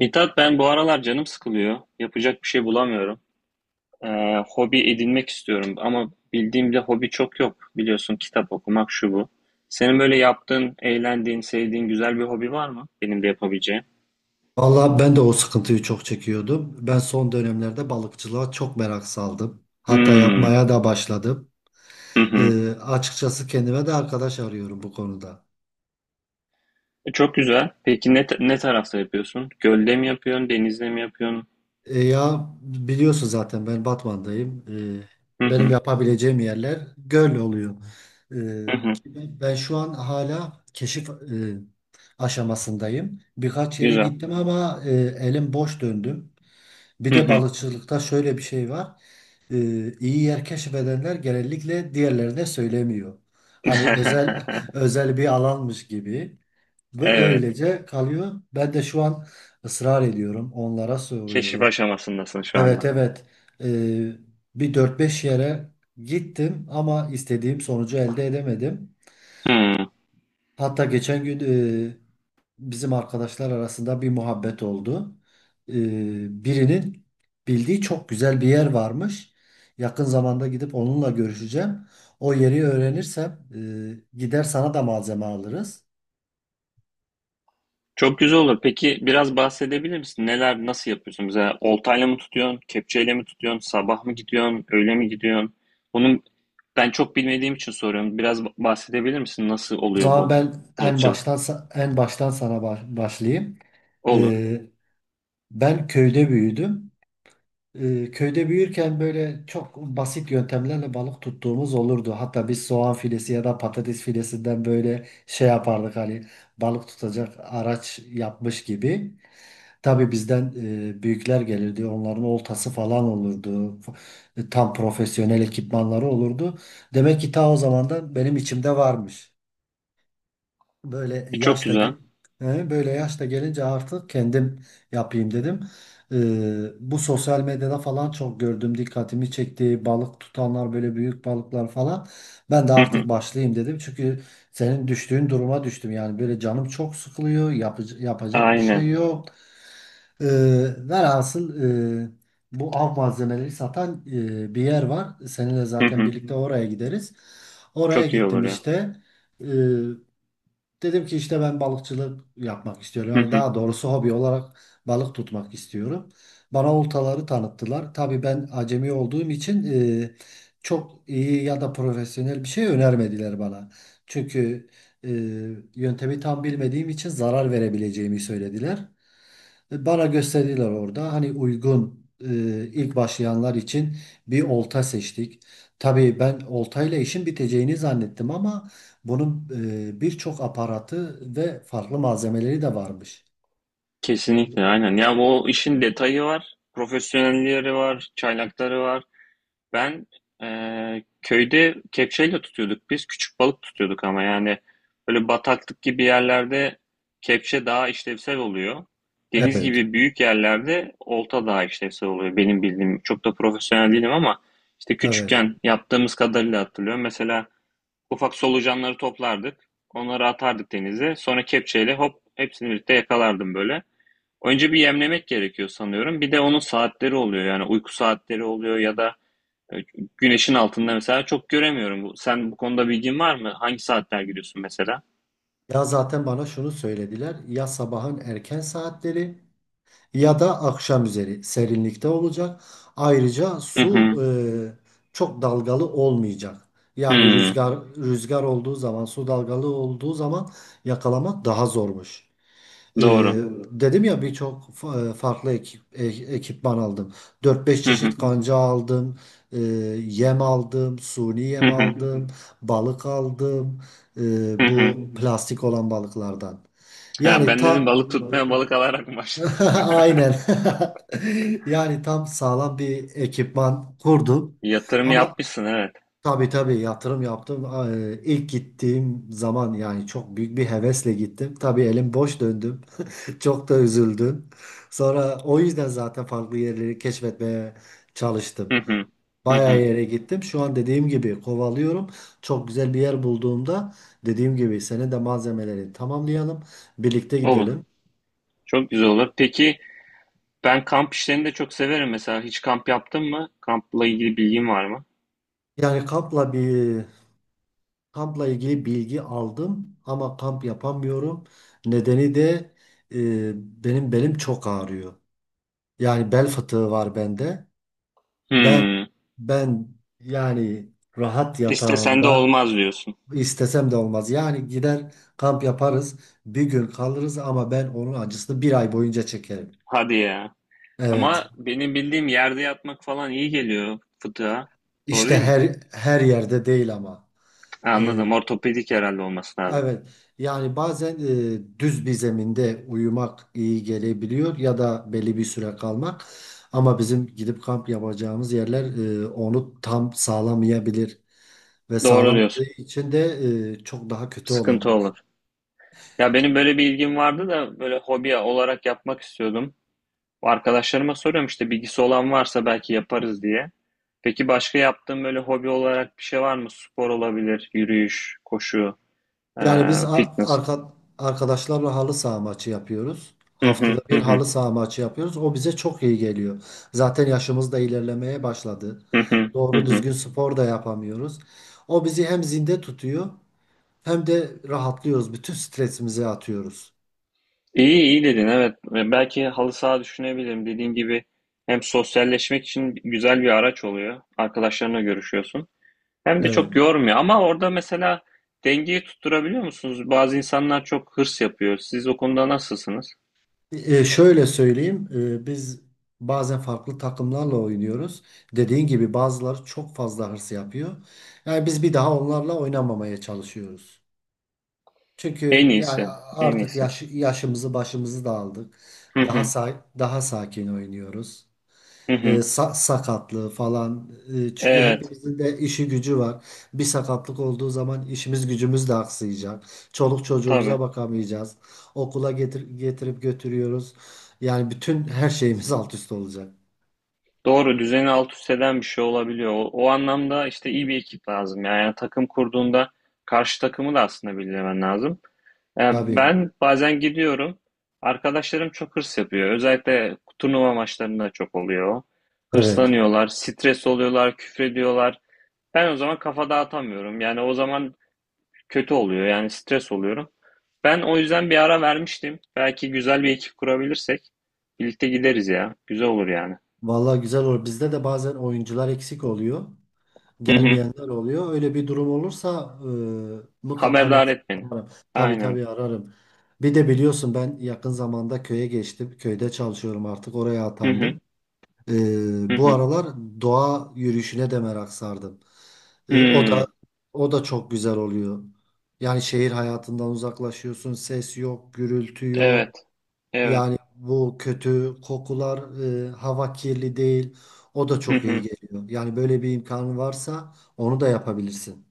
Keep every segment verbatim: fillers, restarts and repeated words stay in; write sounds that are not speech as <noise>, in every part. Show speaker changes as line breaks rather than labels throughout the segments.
Mithat ben bu aralar canım sıkılıyor. Yapacak bir şey bulamıyorum. Ee, hobi edinmek istiyorum ama bildiğim bir hobi çok yok. Biliyorsun kitap okumak şu bu. Senin böyle yaptığın, eğlendiğin, sevdiğin güzel bir hobi var mı? Benim de yapabileceğim.
Vallahi ben de o sıkıntıyı çok çekiyordum. Ben son dönemlerde balıkçılığa çok merak saldım. Hatta
Hmm.
yapmaya da başladım.
Hı hı.
Ee, açıkçası kendime de arkadaş arıyorum bu konuda.
E, Çok güzel. Peki ne, ne tarafta yapıyorsun? Gölde mi yapıyorsun, denizde mi yapıyorsun?
E, ya biliyorsun zaten ben Batman'dayım. Ee,
Hı
Benim
hı.
yapabileceğim yerler göl oluyor. Ee,
Hı hı.
Ki ben ben şu an hala keşif e, aşamasındayım. Birkaç yere
Güzel.
gittim ama e, elim boş döndüm. Bir
Hı
de
hı.
balıkçılıkta şöyle bir şey var. e, iyi yer keşfedenler genellikle diğerlerine söylemiyor. Hani özel <laughs>
<laughs>
özel bir alanmış gibi ve
Evet.
öylece kalıyor. Ben de şu an ısrar ediyorum, onlara
Keşif
soruyorum.
aşamasındasın şu
Evet,
anda.
evet, e, bir dört beş yere gittim ama istediğim sonucu elde edemedim.
Hmm.
Hatta geçen gün e, bizim arkadaşlar arasında bir muhabbet oldu. E, Birinin bildiği çok güzel bir yer varmış. Yakın zamanda gidip onunla görüşeceğim. O yeri öğrenirsem e, gider sana da malzeme alırız.
Çok güzel olur. Peki biraz bahsedebilir misin? Neler, nasıl yapıyorsun? Mesela oltayla mı tutuyorsun, kepçeyle mi tutuyorsun, sabah mı gidiyorsun, öğle mi gidiyorsun? Bunun ben çok bilmediğim için soruyorum. Biraz ba- bahsedebilir misin? Nasıl
O
oluyor
zaman
bu
ben en
balıkçılık?
baştan sa- en baştan sana ba- başlayayım.
Olur.
E, Ben köyde büyüdüm. E, köyde büyürken böyle çok basit yöntemlerle balık tuttuğumuz olurdu. Hatta biz soğan filesi ya da patates filesinden böyle şey yapardık, hani balık tutacak araç yapmış gibi. Tabii bizden e, büyükler gelirdi. Onların oltası falan olurdu. F- e, Tam profesyonel ekipmanları olurdu. Demek ki ta o zamandan benim içimde varmış. Böyle
E, çok
yaşta
güzel.
ge- he, Böyle yaşta gelince artık kendim yapayım dedim. Ee, bu sosyal medyada falan çok gördüm, dikkatimi çekti. Balık tutanlar böyle büyük balıklar falan. Ben de
Hı hı.
artık başlayayım dedim. Çünkü senin düştüğün duruma düştüm. Yani böyle canım çok sıkılıyor, yapıc- yapacak bir şey
Aynen.
yok. Ee, Velhasıl e, bu av malzemeleri satan e, bir yer var. Seninle
Hı
zaten
hı.
birlikte oraya gideriz. Oraya
Çok iyi olur
gittim
ya.
işte. Ee, Dedim ki işte ben balıkçılık yapmak istiyorum.
Hı
Yani
hı.
daha doğrusu hobi olarak balık tutmak istiyorum. Bana oltaları tanıttılar. Tabii ben acemi olduğum için e, çok iyi ya da profesyonel bir şey önermediler bana. Çünkü e, yöntemi tam bilmediğim için zarar verebileceğimi söylediler. E, Bana gösterdiler orada. Hani uygun, e, ilk başlayanlar için bir olta seçtik. Tabii ben oltayla işin biteceğini zannettim ama bunun e, birçok aparatı ve farklı malzemeleri de varmış.
Kesinlikle aynen. Ya bu işin detayı var, profesyonelleri var, çaylakları var. Ben eee, köyde kepçeyle tutuyorduk biz. Küçük balık tutuyorduk ama yani böyle bataklık gibi yerlerde kepçe daha işlevsel oluyor. Deniz
Evet,
gibi büyük yerlerde olta daha işlevsel oluyor benim bildiğim. Çok da profesyonel değilim ama işte
evet.
küçükken yaptığımız kadarıyla hatırlıyorum. Mesela ufak solucanları toplardık. Onları atardık denize. Sonra kepçeyle hop hepsini birlikte yakalardım böyle. Önce bir yemlemek gerekiyor sanıyorum. Bir de onun saatleri oluyor yani uyku saatleri oluyor ya da e, Güneşin altında mesela çok göremiyorum. Bu- Sen bu konuda bilgin var mı? Hangi saatler giriyorsun mesela?
Ya zaten bana şunu söylediler. Ya sabahın erken saatleri ya da akşam üzeri serinlikte olacak. Ayrıca
Hı
su
hı.
e, çok dalgalı olmayacak. Yani
Hı.
rüzgar rüzgar olduğu zaman, su dalgalı olduğu zaman yakalamak daha zormuş. E,
Doğru.
Hmm. Dedim ya, birçok fa- e, farklı ekip, e- ekipman aldım. Dört beş
Hı hı.
çeşit kanca aldım, e, yem aldım, suni
Hı
yem
hı.
aldım, balık aldım,
Hı
e,
hı.
bu plastik olan balıklardan.
Ya
Yani
ben dedim
ta
balık tutmaya balık alarak mı başladın?
<laughs>
<laughs>
Aynen. <laughs> Yani tam sağlam bir ekipman kurdum.
Yatırım
Ama
yapmışsın, evet.
tabii tabii yatırım yaptım. Ee, İlk gittiğim zaman yani çok büyük bir hevesle gittim. Tabii elim boş döndüm. <laughs> Çok da üzüldüm. Sonra o yüzden zaten farklı yerleri keşfetmeye
Hı
çalıştım.
hı. Hı
Bayağı
hı.
yere gittim. Şu an dediğim gibi kovalıyorum. Çok güzel bir yer bulduğumda, dediğim gibi, senin de malzemeleri tamamlayalım. Birlikte
Olur.
gidelim.
Çok güzel olur. Peki ben kamp işlerini de çok severim mesela. Hiç kamp yaptın mı? Kampla ilgili bilgin var mı?
Yani kampla bir Kampla ilgili bilgi aldım ama kamp yapamıyorum. Nedeni de e, benim belim çok ağrıyor. Yani bel fıtığı var bende. Ben
Hmm.
ben yani Rahat
İstesen de
yatağımda
olmaz diyorsun.
istesem de olmaz. Yani gider kamp yaparız, bir gün kalırız ama ben onun acısını bir ay boyunca çekerim.
Hadi ya.
Evet.
Ama benim bildiğim yerde yatmak falan iyi geliyor fıtığa. Doğru
İşte
değil mi?
her her yerde değil ama.
Ha,
E,
anladım. Ortopedik herhalde olması lazım.
Evet, yani bazen e, düz bir zeminde uyumak iyi gelebiliyor ya da belli bir süre kalmak. Ama bizim gidip kamp yapacağımız yerler e, onu tam sağlamayabilir ve
Doğru
sağlamadığı
diyorsun.
için de e, çok daha kötü
Sıkıntı
olabilir.
olur. Ya benim böyle bir ilgim vardı da böyle hobi olarak yapmak istiyordum. Arkadaşlarıma soruyorum işte bilgisi olan varsa belki yaparız diye. Peki başka yaptığın böyle hobi olarak bir şey var mı? Spor olabilir, yürüyüş, koşu,
Yani biz
eee,
a-
fitness.
arka, arkadaşlarla halı saha maçı yapıyoruz.
Hı
Haftada
hı hı
bir
hı
halı saha maçı yapıyoruz. O bize çok iyi geliyor. Zaten yaşımız da ilerlemeye başladı.
hı hı hı
Doğru
hı.
düzgün spor da yapamıyoruz. O bizi hem zinde tutuyor. Hem de rahatlıyoruz. Bütün stresimizi atıyoruz.
İyi iyi dedin, evet. Ve Belki halı saha düşünebilirim. Dediğin gibi hem sosyalleşmek için güzel bir araç oluyor. Arkadaşlarına görüşüyorsun. Hem de çok
Evet.
yormuyor. Ama orada mesela dengeyi tutturabiliyor musunuz? Bazı insanlar çok hırs yapıyor. Siz o konuda nasılsınız?
E, şöyle söyleyeyim, e, biz bazen farklı takımlarla oynuyoruz. Dediğin gibi bazıları çok fazla hırs yapıyor. Yani biz bir daha onlarla oynamamaya çalışıyoruz.
En
Çünkü yani
iyisi. En
artık
iyisi.
yaş, yaşımızı başımızı da aldık.
Hı
Daha
hı.
sa daha sakin oynuyoruz.
Hı
E,
hı.
sa- sakatlığı falan. E, çünkü
Evet.
hepimizin de işi gücü var. Bir sakatlık olduğu zaman işimiz gücümüz de aksayacak. Çoluk çocuğumuza
Tabii.
bakamayacağız. Okula getir getirip götürüyoruz. Yani bütün her şeyimiz alt üst olacak.
Doğru. Düzeni alt üst eden bir şey olabiliyor. O, o anlamda işte iyi bir ekip lazım. Yani takım kurduğunda karşı takımı da aslında bilmen lazım. Yani
Tabii.
ben bazen gidiyorum. Arkadaşlarım çok hırs yapıyor. Özellikle turnuva maçlarında çok oluyor.
Evet.
Hırslanıyorlar, stres oluyorlar, küfrediyorlar. Ben o zaman kafa dağıtamıyorum. Yani o zaman kötü oluyor. Yani stres oluyorum. Ben o yüzden bir ara vermiştim. Belki güzel bir ekip kurabilirsek birlikte gideriz ya. Güzel olur yani.
Vallahi güzel olur. Bizde de bazen oyuncular eksik oluyor,
Hı hı.
gelmeyenler oluyor. Öyle bir durum olursa e, mutlaka ben
Haberdar
seni
et beni.
ararım. Tabii
Aynen.
tabii ararım. Bir de biliyorsun ben yakın zamanda köye geçtim. Köyde çalışıyorum artık. Oraya
Hı hı.
atandım.
Hı
E, bu
hı.
aralar doğa yürüyüşüne de merak sardım. E, o
Hı.
da O da çok güzel oluyor. Yani şehir hayatından uzaklaşıyorsun. Ses yok, gürültü yok.
Evet. Evet.
Yani bu kötü kokular, e, hava kirli değil. O da
Hı
çok iyi
hı.
geliyor. Yani böyle bir imkanı varsa onu da yapabilirsin.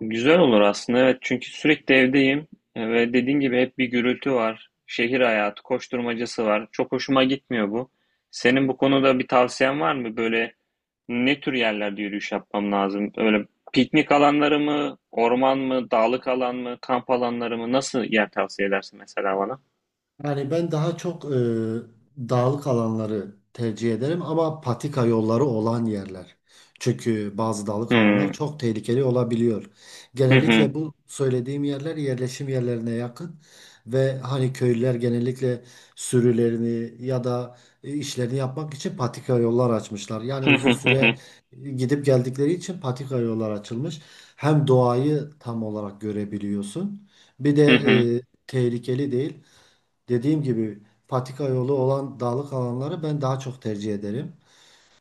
Güzel olur aslında, evet, çünkü sürekli evdeyim. E, ve dediğin gibi hep bir gürültü var. Şehir hayatı, koşturmacası var. Çok hoşuma gitmiyor bu. Senin bu konuda bir tavsiyen var mı? Böyle ne tür yerlerde yürüyüş yapmam lazım? Öyle piknik alanları mı, orman mı, dağlık alan mı, kamp alanları mı? Nasıl yer tavsiye edersin mesela bana?
Yani ben daha çok e, dağlık alanları tercih ederim ama patika yolları olan yerler. Çünkü bazı dağlık alanlar
Hmm.
çok tehlikeli olabiliyor.
Hı hı.
Genellikle bu söylediğim yerler yerleşim yerlerine yakın ve hani köylüler genellikle sürülerini ya da e, işlerini yapmak için patika yollar açmışlar. Yani
Hı
uzun
hı hı hı.
süre gidip geldikleri için patika yollar açılmış. Hem doğayı tam olarak görebiliyorsun. Bir de
Hı hı.
e, tehlikeli değil. Dediğim gibi patika yolu olan dağlık alanları ben daha çok tercih ederim.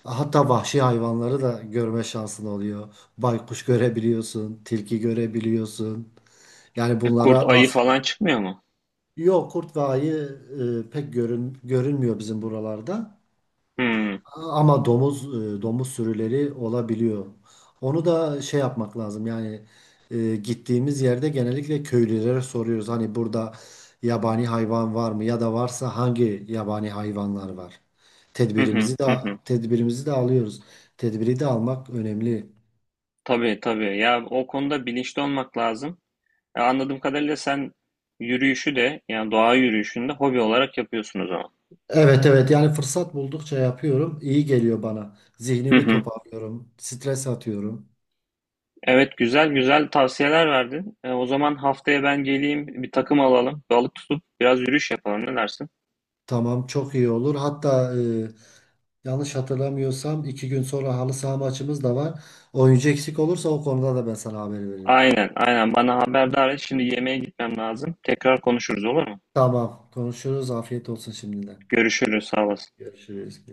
Hatta vahşi hayvanları da görme şansın oluyor. Baykuş görebiliyorsun, tilki görebiliyorsun. Yani
E, Kurt
bunlara
ayı
rast.
falan çıkmıyor mu?
Yok, kurt ve ayı e, pek görün, görünmüyor bizim buralarda.
Hmm.
Ama domuz, e, domuz sürüleri olabiliyor. Onu da şey yapmak lazım. Yani e, gittiğimiz yerde genellikle köylülere soruyoruz. Hani burada yabani hayvan var mı ya da varsa hangi yabani hayvanlar var?
Hı hı
Tedbirimizi de
hı hı.
Tedbirimizi de alıyoruz. Tedbiri de almak önemli.
Tabii tabii. Ya o konuda bilinçli olmak lazım. E, Anladığım kadarıyla sen yürüyüşü de yani doğa yürüyüşünü de hobi olarak yapıyorsun o zaman.
Evet, evet, yani fırsat buldukça yapıyorum. İyi geliyor bana.
Hı
Zihnimi
hı.
toparlıyorum. Stres atıyorum.
Evet, güzel güzel tavsiyeler verdin. E, o zaman haftaya ben geleyim bir takım alalım. Balık tutup biraz yürüyüş yapalım, ne dersin?
Tamam, çok iyi olur. Hatta e, yanlış hatırlamıyorsam iki gün sonra halı saha maçımız da var. Oyuncu eksik olursa o konuda da ben sana haber veririm.
Aynen aynen, bana haberdar et. Şimdi yemeğe gitmem lazım. Tekrar konuşuruz, olur mu?
Tamam, konuşuruz. Afiyet olsun şimdiden.
Görüşürüz, sağ olasın.
Görüşürüz.